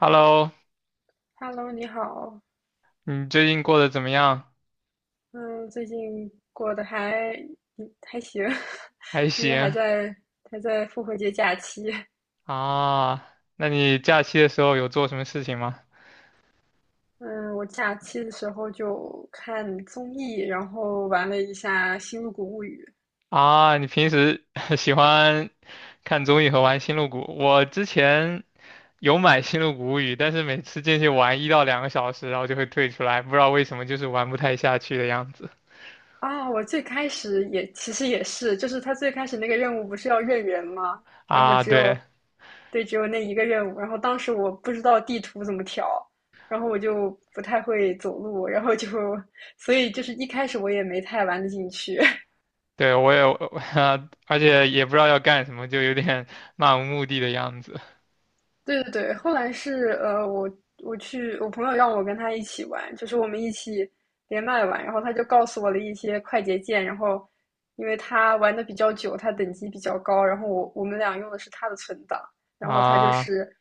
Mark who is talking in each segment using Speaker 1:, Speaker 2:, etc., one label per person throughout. Speaker 1: Hello,
Speaker 2: Hello，你好，
Speaker 1: 你最近过得怎么样？
Speaker 2: 嗯，最近过得还行，
Speaker 1: 还
Speaker 2: 因为还
Speaker 1: 行
Speaker 2: 在还在复活节假期。
Speaker 1: 啊。那你假期的时候有做什么事情吗？
Speaker 2: 嗯，我假期的时候就看综艺，然后玩了一下《星露谷物语》。
Speaker 1: 啊，你平时 喜欢看综艺和玩《星露谷》？我之前有买《星露谷物语》，但是每次进去玩1到2个小时，然后就会退出来，不知道为什么，就是玩不太下去的样子。
Speaker 2: 啊，我最开始也其实也是，就是他最开始那个任务不是要认人吗？然后
Speaker 1: 啊，对
Speaker 2: 对，只有那一个任务。然后当时我不知道地图怎么调，然后我就不太会走路，然后就，所以就是一开始我也没太玩得进去。
Speaker 1: 对，我也，而且也不知道要干什么，就有点 漫无目的的样子
Speaker 2: 对对对，后来是我朋友让我跟他一起玩，就是我们一起连麦玩，然后他就告诉我了一些快捷键，然后因为他玩的比较久，他等级比较高，然后我们俩用的是他的存档，然后他就
Speaker 1: 啊。
Speaker 2: 是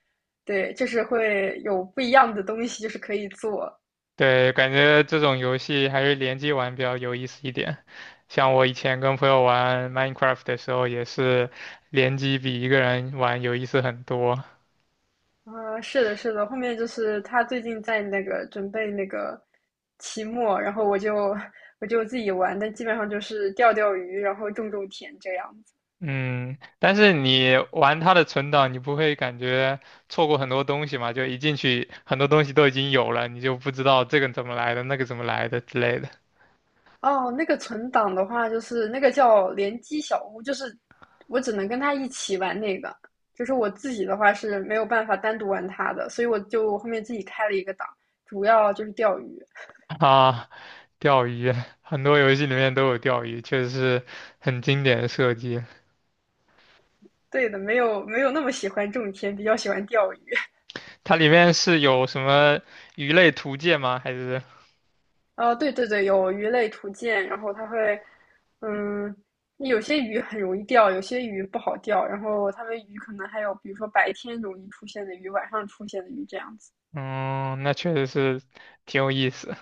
Speaker 2: 对，就是会有不一样的东西，就是可以做。
Speaker 1: 对，感觉这种游戏还是联机玩比较有意思一点。像我以前跟朋友玩 Minecraft 的时候，也是联机比一个人玩有意思很多。
Speaker 2: 啊、是的，是的，后面就是他最近在那个准备那个期末，然后我就自己玩，但基本上就是钓钓鱼，然后种种田这样子。
Speaker 1: 嗯，但是你玩它的存档，你不会感觉错过很多东西嘛？就一进去，很多东西都已经有了，你就不知道这个怎么来的，那个怎么来的之类的。
Speaker 2: 哦，那个存档的话，就是那个叫联机小屋，就是我只能跟他一起玩那个，就是我自己的话是没有办法单独玩他的，所以我就后面自己开了一个档，主要就是钓鱼。
Speaker 1: 啊，钓鱼，很多游戏里面都有钓鱼，确实是很经典的设计。
Speaker 2: 对的，没有那么喜欢种田，比较喜欢钓鱼。
Speaker 1: 它里面是有什么鱼类图鉴吗？还是？
Speaker 2: 哦，对对对，有鱼类图鉴，然后它会，嗯，有些鱼很容易钓，有些鱼不好钓，然后它们鱼可能还有，比如说白天容易出现的鱼，晚上出现的鱼这样子。
Speaker 1: 嗯，那确实是挺有意思。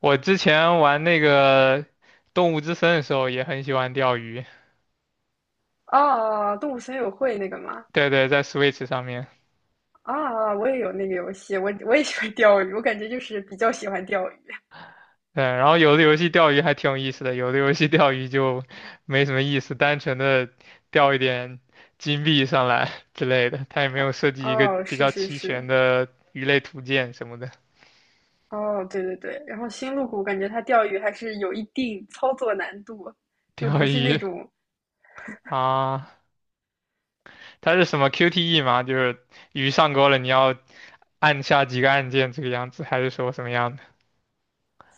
Speaker 1: 我之前玩那个《动物之森》的时候也很喜欢钓鱼，
Speaker 2: 哦，哦哦动物森友会那个吗？
Speaker 1: 对对，在 Switch 上面。
Speaker 2: 啊，我也有那个游戏，我也喜欢钓鱼，我感觉就是比较喜欢钓鱼
Speaker 1: 对，然后有的游戏钓鱼还挺有意思的，有的游戏钓鱼就没什么意思，单纯的钓一点金币上来 之类的，它也没
Speaker 2: 啊。
Speaker 1: 有设计一个
Speaker 2: 哦，
Speaker 1: 比
Speaker 2: 是
Speaker 1: 较
Speaker 2: 是
Speaker 1: 齐全
Speaker 2: 是，
Speaker 1: 的鱼类图鉴什么的。
Speaker 2: 哦，对对对。然后星露谷感觉它钓鱼还是有一定操作难度，就
Speaker 1: 钓
Speaker 2: 不是那
Speaker 1: 鱼
Speaker 2: 种，
Speaker 1: 啊，它是什么 QTE 吗？就是鱼上钩了，你要按下几个按键这个样子，还是说什么样的？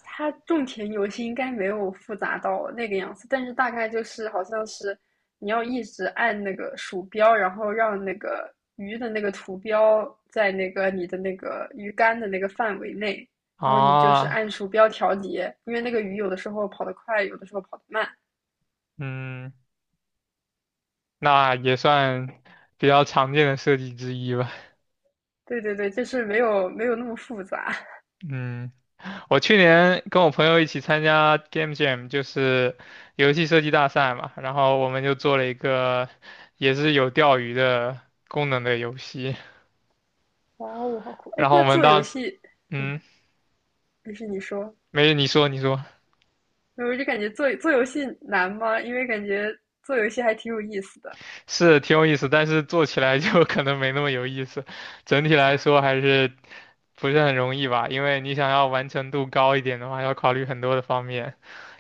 Speaker 2: 它种田游戏应该没有复杂到那个样子，但是大概就是好像是你要一直按那个鼠标，然后让那个鱼的那个图标在那个你的那个鱼竿的那个范围内，然后你就是
Speaker 1: 啊，
Speaker 2: 按鼠标调节，因为那个鱼有的时候跑得快，有的时候跑得慢。
Speaker 1: 嗯，那也算比较常见的设计之一吧。
Speaker 2: 对对对，就是没有那么复杂。
Speaker 1: 嗯，我去年跟我朋友一起参加 Game Jam,就是游戏设计大赛嘛，然后我们就做了一个也是有钓鱼的功能的游戏，
Speaker 2: 哇哦，好酷！哎，
Speaker 1: 然后
Speaker 2: 那
Speaker 1: 我们
Speaker 2: 做
Speaker 1: 当
Speaker 2: 游
Speaker 1: 时，
Speaker 2: 戏，
Speaker 1: 嗯，
Speaker 2: 没，是你说。
Speaker 1: 没，你说你说，
Speaker 2: 我就感觉做做游戏难吗？因为感觉做游戏还挺有意思的。
Speaker 1: 是挺有意思，但是做起来就 可能没那么有意思，整体来说还是不是很容易吧，因为你想要完成度高一点的话，要考虑很多的方面。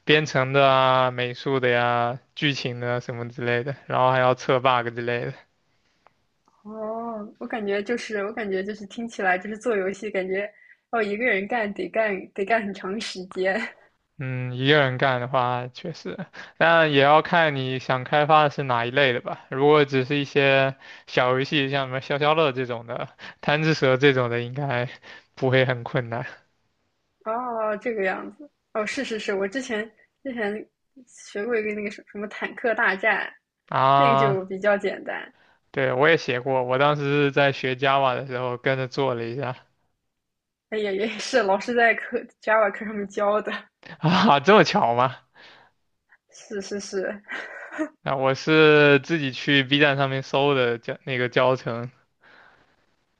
Speaker 1: 编程的啊、美术的呀、剧情的啊什么之类的，然后还要测 bug 之类的。
Speaker 2: 哦，我感觉就是，我感觉就是听起来就是做游戏，感觉哦一个人干很长时间。
Speaker 1: 嗯，一个人干的话确实，但也要看你想开发的是哪一类的吧。如果只是一些小游戏，像什么消消乐这种的、贪吃蛇这种的，应该 不会很困难
Speaker 2: 哦，这个样子。哦，是是是，我之前学过一个那个什么坦克大战，那个
Speaker 1: 啊。
Speaker 2: 就比较简单。
Speaker 1: 对，我也写过，我当时是在学 Java 的时候跟着做了一下
Speaker 2: 哎呀，也是老师在课 Java 课上面教的。
Speaker 1: 啊，这么巧吗？
Speaker 2: 是是是，
Speaker 1: 啊，我是自己去 B 站上面搜的教那个教程。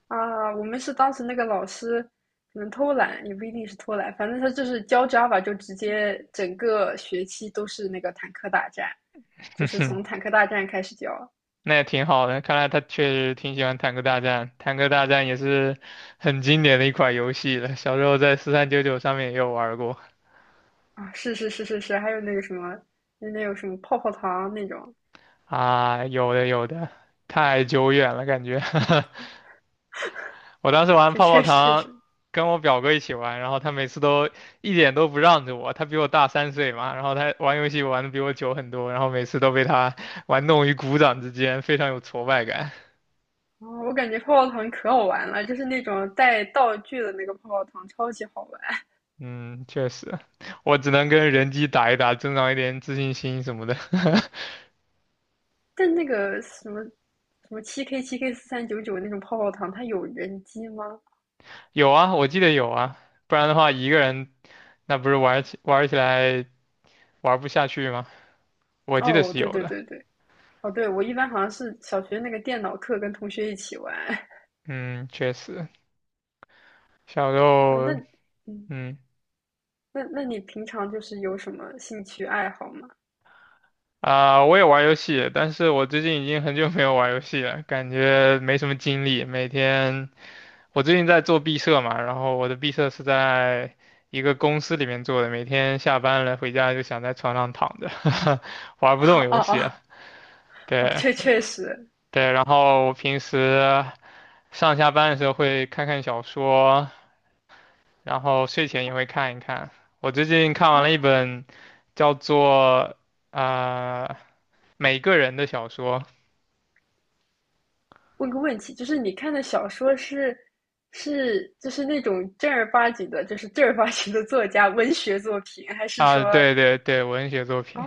Speaker 2: 啊，我们是当时那个老师可能偷懒，也不一定是偷懒，反正他就是教 Java 就直接整个学期都是那个坦克大战，就是从 坦克大战开始教。
Speaker 1: 那也挺好的，看来他确实挺喜欢《坦克大战》。《坦克大战》也是很经典的一款游戏了，小时候在4399上面也有玩过
Speaker 2: 啊，是是是是是，还有那个什么，那有什么泡泡糖那种，
Speaker 1: 啊，有的有的，太久远了感觉。我当时玩
Speaker 2: 确
Speaker 1: 泡泡
Speaker 2: 确实
Speaker 1: 糖，
Speaker 2: 实。
Speaker 1: 跟我表哥一起玩，然后他每次都一点都不让着我，他比我大3岁嘛，然后他玩游戏玩的比我久很多，然后每次都被他玩弄于股掌之间，非常有挫败感。
Speaker 2: 哦，我感觉泡泡糖可好玩了，就是那种带道具的那个泡泡糖，超级好玩。
Speaker 1: 嗯，确实，我只能跟人机打一打，增长一点自信心什么的。
Speaker 2: 但那个什么什么7K7K 4399那种泡泡糖，它有人机吗？
Speaker 1: 有啊，我记得有啊，不然的话一个人那不是玩起来玩不下去吗？我记得
Speaker 2: 哦，
Speaker 1: 是
Speaker 2: 对
Speaker 1: 有
Speaker 2: 对
Speaker 1: 的。
Speaker 2: 对对，哦，对，我一般好像是小学那个电脑课跟同学一起玩。
Speaker 1: 嗯，确实，小时
Speaker 2: 呃
Speaker 1: 候，
Speaker 2: 那，嗯，
Speaker 1: 嗯
Speaker 2: 那那你平常就是有什么兴趣爱好吗？
Speaker 1: 啊、我也玩游戏，但是我最近已经很久没有玩游戏了，感觉没什么精力。每天我最近在做毕设嘛，然后我的毕设是在一个公司里面做的，每天下班了回家就想在床上躺着，
Speaker 2: 哦
Speaker 1: 玩不动
Speaker 2: 哦
Speaker 1: 游
Speaker 2: 哦，
Speaker 1: 戏。
Speaker 2: 哦，
Speaker 1: 对
Speaker 2: 这确实
Speaker 1: 对，然后我平时上下班的时候会看看小说，然后睡前也会看一看。我最近看完
Speaker 2: 啊。
Speaker 1: 了一本叫做啊、呃每个人的小说
Speaker 2: 问个问题，就是你看的小说是就是那种正儿八经的，就是正儿八经的作家文学作品，还是
Speaker 1: 啊，
Speaker 2: 说
Speaker 1: 对对对，文学作
Speaker 2: 啊？
Speaker 1: 品。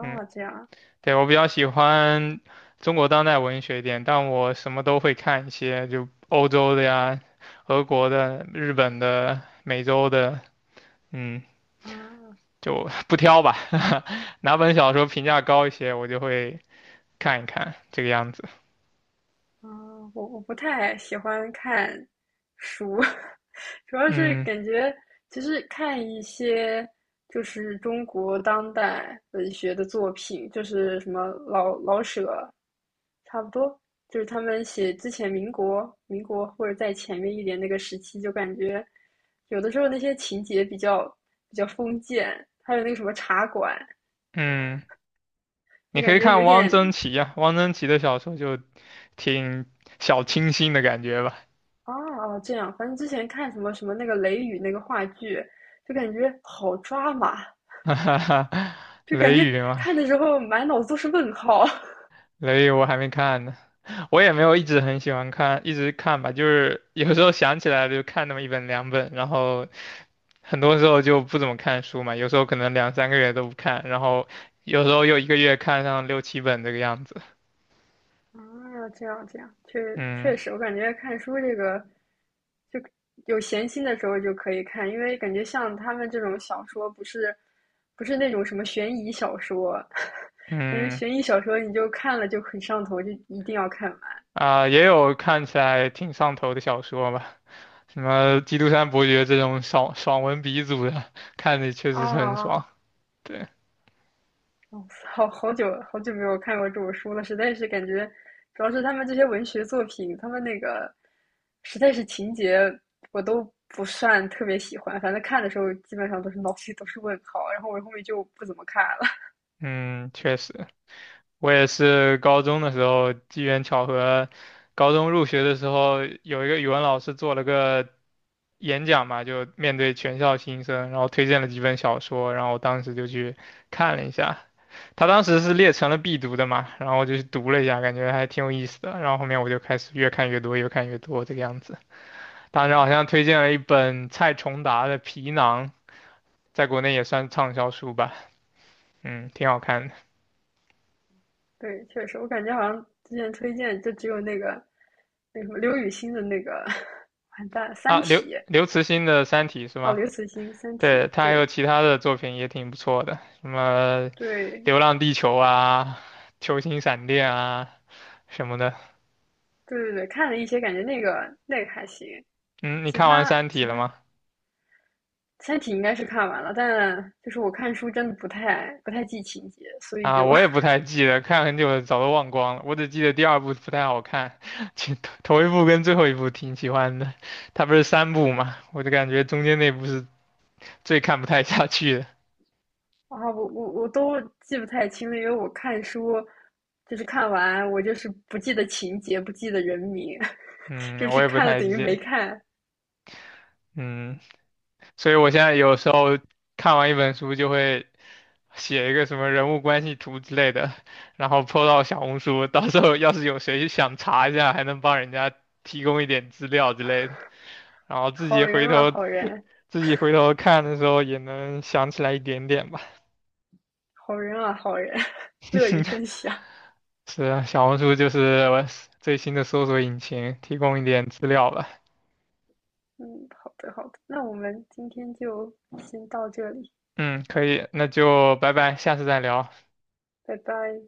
Speaker 1: 嗯，
Speaker 2: 这样
Speaker 1: 对，我比较喜欢中国当代文学一点，但我什么都会看一些，就欧洲的呀、俄国的、日本的、美洲的，嗯，
Speaker 2: 啊？
Speaker 1: 就 不挑吧。哪本小说评价高一些，我就会看一看这个样子。
Speaker 2: 嗯，我不太喜欢看书。主要是
Speaker 1: 嗯。
Speaker 2: 感觉其实看一些就是中国当代文学的作品，就是什么老老舍，差不多，就是他们写之前民国、民国或者在前面一点那个时期，就感觉有的时候那些情节比较封建，还有那个什么茶馆，
Speaker 1: 嗯，你
Speaker 2: 就
Speaker 1: 可
Speaker 2: 感
Speaker 1: 以
Speaker 2: 觉
Speaker 1: 看
Speaker 2: 有
Speaker 1: 汪曾
Speaker 2: 点。
Speaker 1: 祺呀、汪曾祺的小说就挺小清新的感觉吧。
Speaker 2: 哦哦，这样，反正之前看什么什么那个《雷雨》那个话剧，就感觉好抓马，
Speaker 1: 哈哈哈，
Speaker 2: 就感
Speaker 1: 雷
Speaker 2: 觉
Speaker 1: 雨嘛，
Speaker 2: 看的时候满脑子都是问号。
Speaker 1: 雷雨我还没看呢，我也没有一直很喜欢看，一直看吧，就是有时候想起来了就看那么一本两本，然后很多时候就不怎么看书嘛，有时候可能2、3个月都不看，然后有时候又1个月看上6、7本这个样子。
Speaker 2: 啊，这样这样，确
Speaker 1: 嗯
Speaker 2: 确实，我感觉看书这个，就有闲心的时候就可以看，因为感觉像他们这种小说，不是那种什么悬疑小说。因为
Speaker 1: 嗯。
Speaker 2: 悬疑小说你就看了就很上头，就一定要看完。
Speaker 1: 啊、也有看起来挺上头的小说吧，什么《基督山伯爵》这种爽文鼻祖的，看着确
Speaker 2: 啊，
Speaker 1: 实是很爽。对，
Speaker 2: 哦，好好久好久没有看过这种书了，实在是感觉，主要是他们这些文学作品，他们那个实在是情节我都不算特别喜欢，反正看的时候基本上都是脑子里都是问号，然后我后面就不怎么看了。
Speaker 1: 嗯，确实，我也是高中的时候机缘巧合，高中入学的时候有一个语文老师做了个演讲嘛，就面对全校新生，然后推荐了几本小说，然后我当时就去看了一下，他当时是列成了必读的嘛，然后我就去读了一下，感觉还挺有意思的。然后后面我就开始越看越多，越看越多这个样子。当时好像推荐了一本蔡崇达的《皮囊》，在国内也算畅销书吧，嗯，挺好看的
Speaker 2: 对，确实，我感觉好像之前推荐就只有那个那什么刘雨欣的那个 完蛋
Speaker 1: 啊。
Speaker 2: 《三
Speaker 1: 刘
Speaker 2: 体》。
Speaker 1: 刘慈欣的《三体》是
Speaker 2: 哦，
Speaker 1: 吗？
Speaker 2: 刘慈欣《三体》
Speaker 1: 对，他还有
Speaker 2: 对
Speaker 1: 其他的作品也挺不错的，什么
Speaker 2: 对
Speaker 1: 《流浪地球》啊、《球形闪电》啊什么的。
Speaker 2: 对对对，看了一些，感觉那个那个还行。
Speaker 1: 嗯，你
Speaker 2: 其
Speaker 1: 看完
Speaker 2: 他
Speaker 1: 《三体》
Speaker 2: 其
Speaker 1: 了
Speaker 2: 他
Speaker 1: 吗？
Speaker 2: 三体应该是看完了，但就是我看书真的不太记情节，所以
Speaker 1: 啊，
Speaker 2: 就
Speaker 1: 我也不太记得，看很久了，早都忘光了。我只记得第二部不太好看，其头一部跟最后一部挺喜欢的。它不是三部嘛，我就感觉中间那部是最看不太下去的。
Speaker 2: 啊，我都记不太清了，因为我看书就是看完，我就是不记得情节，不记得人名。就
Speaker 1: 嗯，我
Speaker 2: 是
Speaker 1: 也不
Speaker 2: 看了
Speaker 1: 太
Speaker 2: 等于没
Speaker 1: 记。
Speaker 2: 看。
Speaker 1: 嗯。所以我现在有时候看完一本书就会写一个什么人物关系图之类的，然后 po 到小红书，到时候要是有谁想查一下，还能帮人家提供一点资料之类的，然后
Speaker 2: 好人啊，好人，
Speaker 1: 自己回头看的时候也能想起来一点点吧。
Speaker 2: 好人啊，好人。乐 于分享。
Speaker 1: 是啊，小红书就是我最新的搜索引擎，提供一点资料吧。
Speaker 2: 嗯，好的好的，那我们今天就先到这里，
Speaker 1: 嗯，可以，那就拜拜，下次再聊。
Speaker 2: 拜拜。